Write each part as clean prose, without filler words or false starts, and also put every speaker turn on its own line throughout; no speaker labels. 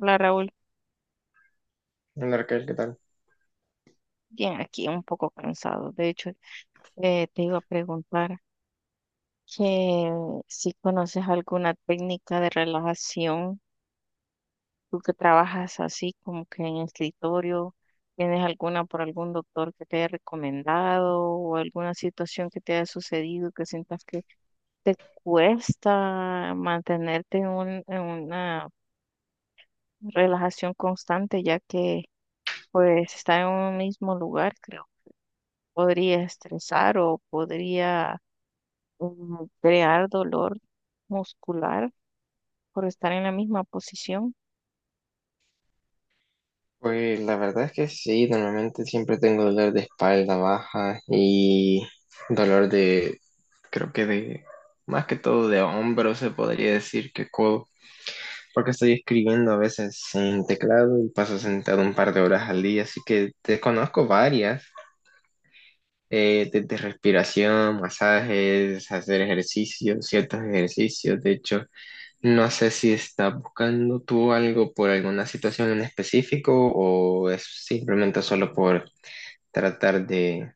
Hola Raúl,
Hola Raquel, ¿qué tal?
bien aquí, un poco cansado. De hecho, te iba a preguntar que si conoces alguna técnica de relajación, tú que trabajas así como que en escritorio. ¿Tienes alguna por algún doctor que te haya recomendado o alguna situación que te haya sucedido que sientas que te cuesta mantenerte en una relajación constante, ya que pues estar en un mismo lugar, creo, podría estresar o podría crear dolor muscular por estar en la misma posición?
Pues la verdad es que sí, normalmente siempre tengo dolor de espalda baja y dolor de, creo que de, más que todo de hombro se podría decir que codo, porque estoy escribiendo a veces en teclado y paso sentado un par de horas al día, así que te conozco varias, desde respiración, masajes, hacer ejercicios, ciertos ejercicios, de hecho. No sé si estás buscando tú algo por alguna situación en específico o es simplemente solo por tratar de,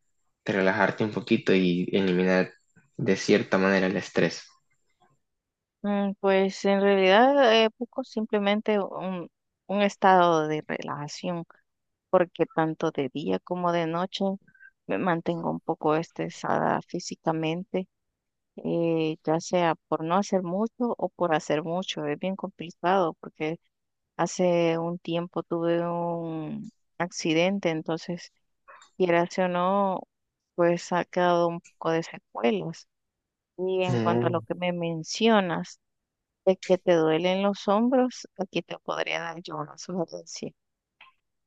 de relajarte un poquito y eliminar de cierta manera el estrés.
Pues en realidad, busco simplemente un estado de relajación, porque tanto de día como de noche me mantengo un poco estresada físicamente, ya sea por no hacer mucho o por hacer mucho. Es bien complicado porque hace un tiempo tuve un accidente, entonces, quieras o no, pues ha quedado un poco de secuelas. Y en cuanto a lo
Mm.
que me mencionas, de que te duelen los hombros, aquí te podría dar yo una sugerencia,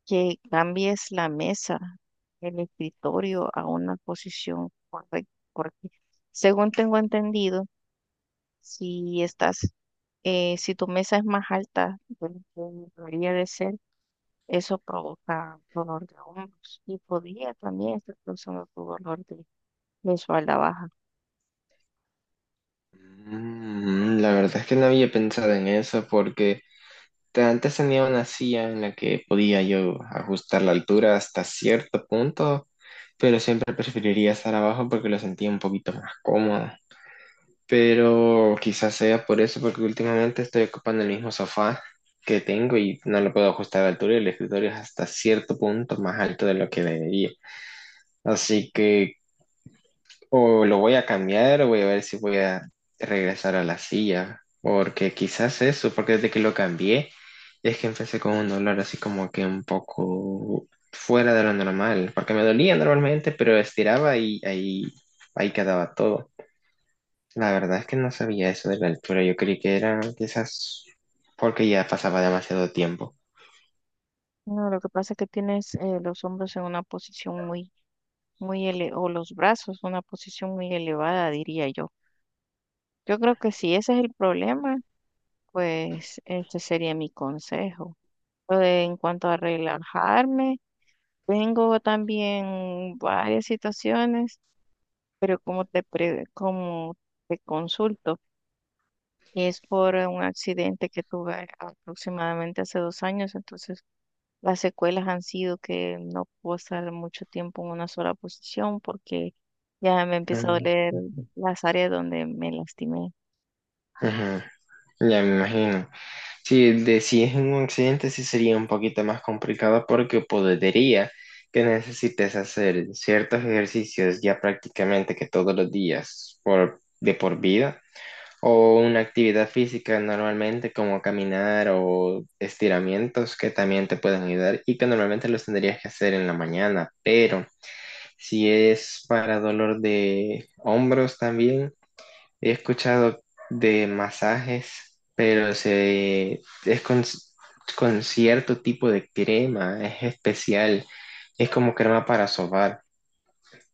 que cambies la mesa, el escritorio, a una posición correcta, porque, según tengo entendido, si estás, si tu mesa es más alta de lo que debería de ser, eso provoca dolor de hombros y podría también estar causando tu dolor de espalda baja.
La verdad es que no había pensado en eso porque antes tenía una silla en la que podía yo ajustar la altura hasta cierto punto, pero siempre preferiría estar abajo porque lo sentía un poquito más cómodo. Pero quizás sea por eso, porque últimamente estoy ocupando el mismo sofá que tengo y no lo puedo ajustar a la altura y el escritorio es hasta cierto punto más alto de lo que debería. Así que o lo voy a cambiar o voy a ver si voy a regresar a la silla, porque quizás eso, porque desde que lo cambié es que empecé con un dolor así como que un poco fuera de lo normal, porque me dolía normalmente, pero estiraba y ahí, ahí quedaba todo. La verdad es que no sabía eso de la altura. Yo creí que era quizás porque ya pasaba demasiado tiempo.
No, lo que pasa es que tienes, los hombros en una posición muy, muy ele o los brazos, una posición muy elevada, diría yo. Yo creo que si ese es el problema, pues ese sería mi consejo. Lo de- en cuanto a relajarme, tengo también varias situaciones, pero como te consulto, es por un accidente que tuve aproximadamente hace 2 años. Entonces, las secuelas han sido que no puedo estar mucho tiempo en una sola posición porque ya me empezó a
Mm,
doler las áreas donde me lastimé.
ujú. Ya me imagino. Si es en un accidente, sí sería un poquito más complicado porque podría que necesites hacer ciertos ejercicios ya prácticamente que todos los días por, de por vida o una actividad física normalmente como caminar o estiramientos que también te pueden ayudar y que normalmente los tendrías que hacer en la mañana, pero si es para dolor de hombros también. He escuchado de masajes, pero es con cierto tipo de crema, es especial, es como crema para sobar.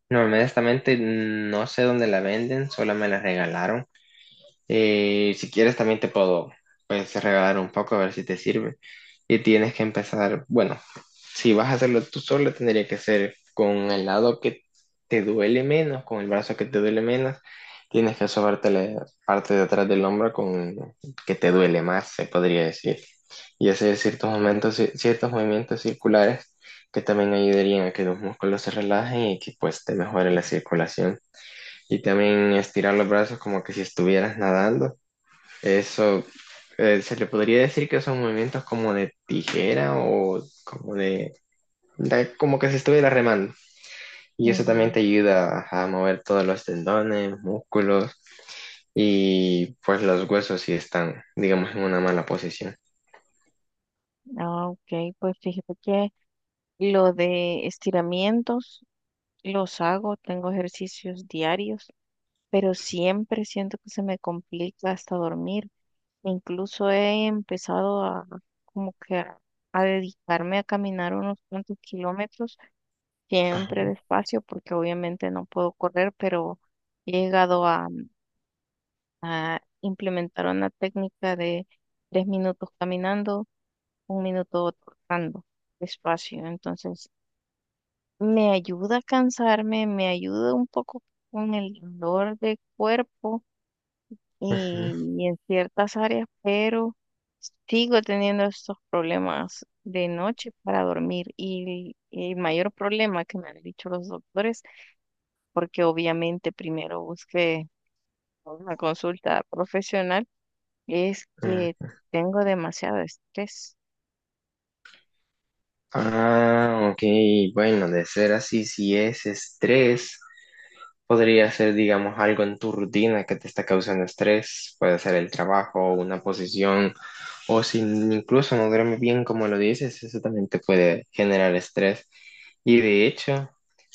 No, honestamente no sé dónde la venden, solo me la regalaron y si quieres también te puedo pues regalar un poco a ver si te sirve. Y tienes que empezar, bueno, si vas a hacerlo tú solo, tendría que ser con el lado que te duele menos, con el brazo que te duele menos. Tienes que sobarte la parte de atrás del hombro con que te duele más, se podría decir. Y hacer ciertos momentos, ciertos movimientos circulares que también ayudarían a que los músculos se relajen y que pues te mejore la circulación. Y también estirar los brazos como que si estuvieras nadando eso, se le podría decir que son movimientos como de tijera o como de, como que se estuviera remando. Y eso también
Ujú.
te ayuda a mover todos los tendones, músculos y pues los huesos si están, digamos, en una mala posición.
Ah, ok, pues fíjate que lo de estiramientos los hago, tengo ejercicios diarios, pero siempre siento que se me complica hasta dormir. Incluso he empezado a, como que a dedicarme a caminar unos cuantos kilómetros, siempre despacio, porque obviamente no puedo correr, pero he llegado a implementar una técnica de 3 minutos caminando, 1 minuto trotando despacio. Entonces, me ayuda a cansarme, me ayuda un poco con el dolor de cuerpo
Ujú,
y en ciertas áreas, pero sigo teniendo estos problemas de noche para dormir, y el mayor problema que me han dicho los doctores, porque obviamente primero busqué una consulta profesional, es que
ujú.
tengo demasiado estrés.
Ah, ok, bueno, de ser así, si es estrés. Podría ser, digamos, algo en tu rutina que te está causando estrés, puede ser el trabajo, una posición, o si incluso no duermes bien como lo dices, eso también te puede generar estrés. Y de hecho,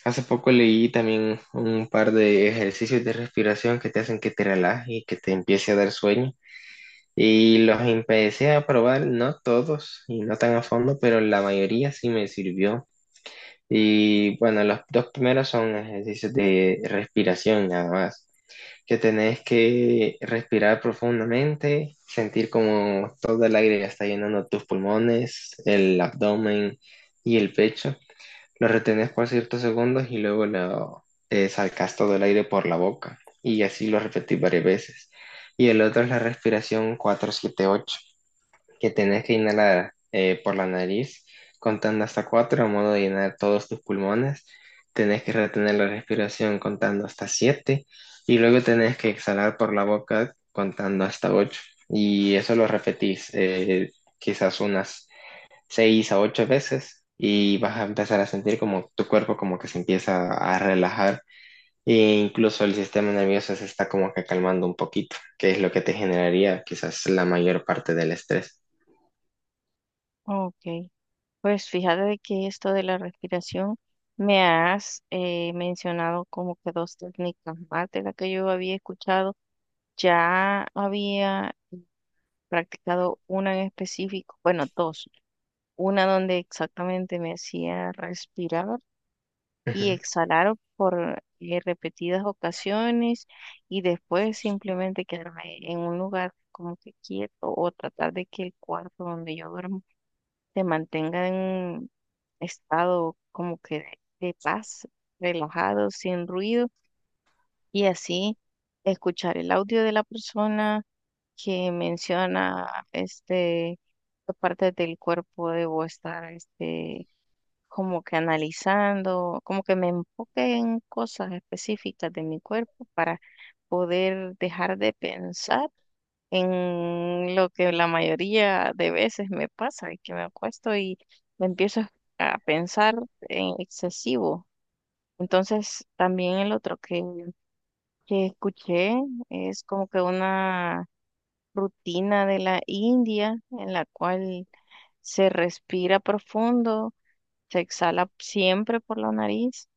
hace poco leí también un par de ejercicios de respiración que te hacen que te relajes y que te empiece a dar sueño. Y los empecé a probar, no todos y no tan a fondo, pero la mayoría sí me sirvió. Y bueno, los dos primeros son ejercicios de respiración nada más que tenés que respirar profundamente, sentir como todo el aire ya está llenando tus pulmones, el abdomen y el pecho. Lo retenés por ciertos segundos y luego lo sacás todo el aire por la boca. Y así lo repetís varias veces. Y el otro es la respiración 4-7-8 que tenés que inhalar por la nariz, contando hasta cuatro, a modo de llenar todos tus pulmones. Tenés que retener la respiración contando hasta siete y luego tenés que exhalar por la boca contando hasta ocho. Y eso lo repetís quizás unas seis a ocho veces y vas a empezar a sentir como tu cuerpo como que se empieza a relajar e incluso el sistema nervioso se está como que calmando un poquito, que es lo que te generaría quizás la mayor parte del estrés.
Ok, pues fíjate de que esto de la respiración me has, mencionado como que dos técnicas más de las que yo había escuchado. Ya había practicado una en específico, bueno, dos. Una donde exactamente me hacía respirar y
Ujú.
exhalar por, repetidas ocasiones, y después simplemente quedarme en un lugar como que quieto, o tratar de que el cuarto donde yo duermo se mantenga en estado como que de paz, relajado, sin ruido, y así escuchar el audio de la persona que menciona este qué partes del cuerpo debo estar, este, como que analizando, como que me enfoque en cosas específicas de mi cuerpo para poder dejar de pensar en lo que la mayoría de veces me pasa, y que me acuesto y me empiezo a pensar en excesivo. Entonces, también el otro que escuché es como que una rutina de la India, en la cual se respira profundo, se exhala siempre por la nariz,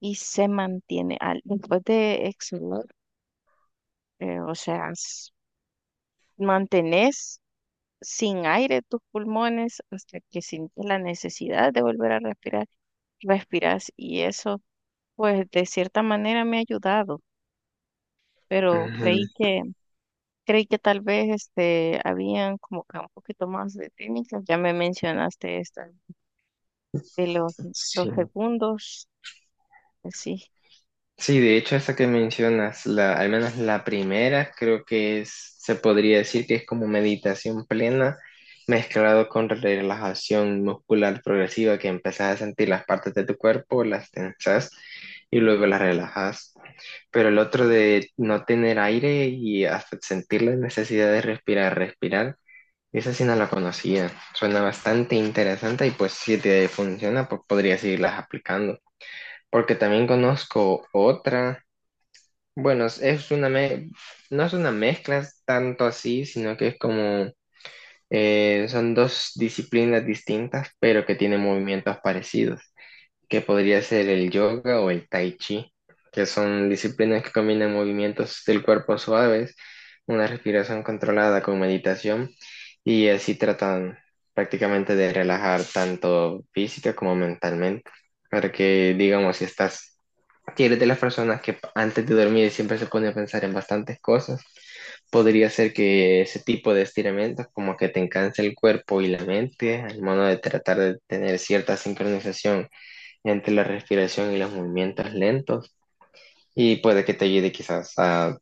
y se mantiene al, después de exhalar, o sea, mantenés sin aire tus pulmones hasta que sientes la necesidad de volver a respirar, respiras, y eso pues de cierta manera me ha ayudado, pero
Ujú,
creí que tal vez este habían como que un poquito más de técnicas. Ya me mencionaste esta de los
sí.
segundos, sí.
Sí, de hecho, esa que mencionas, la, al menos la primera, creo que es, se podría decir que es como meditación plena mezclado con relajación muscular progresiva, que empezás a sentir las partes de tu cuerpo, las tensas y luego las relajas. Pero el otro de no tener aire y hasta sentir la necesidad de respirar, respirar, esa sí no la conocía. Suena bastante interesante y pues si te funciona, pues podrías seguirlas aplicando. Porque también conozco otra, bueno, no es una mezcla tanto así, sino que es como, son dos disciplinas distintas, pero que tienen movimientos parecidos, que podría ser el yoga o el tai chi, que son disciplinas que combinan movimientos del cuerpo suaves, una respiración controlada con meditación, y así tratan prácticamente de relajar tanto física como mentalmente, para que, digamos, si estás que eres de las personas que antes de dormir siempre se pone a pensar en bastantes cosas, podría ser que ese tipo de estiramientos como que te encanse el cuerpo y la mente al modo de tratar de tener cierta sincronización entre la respiración y los movimientos lentos y puede que te ayude quizás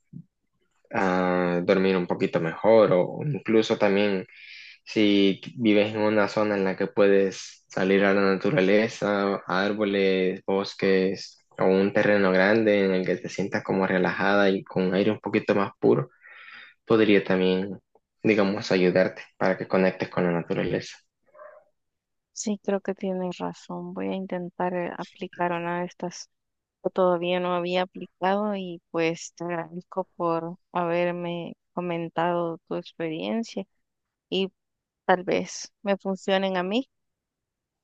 a dormir un poquito mejor o incluso también si vives en una zona en la que puedes salir a la naturaleza, a árboles, bosques o un terreno grande en el que te sientas como relajada y con aire un poquito más puro, podría también, digamos, ayudarte para que conectes con la naturaleza.
Sí, creo que tienes razón. Voy a intentar, aplicar una de estas que todavía no había aplicado, y pues te agradezco por haberme comentado tu experiencia, y tal vez me funcionen a mí.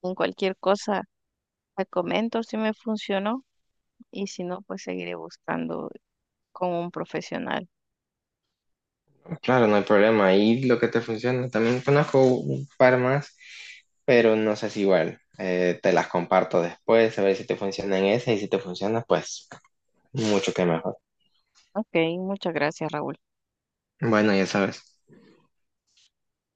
En cualquier cosa te comento si me funcionó, y si no, pues seguiré buscando con un profesional.
Claro, no hay problema. Ahí lo que te funciona. También conozco un par más, pero no sé si igual. Te las comparto después, a ver si te funcionan esas y si te funcionan, pues mucho que mejor.
Ok, muchas gracias, Raúl.
Bueno, ya sabes.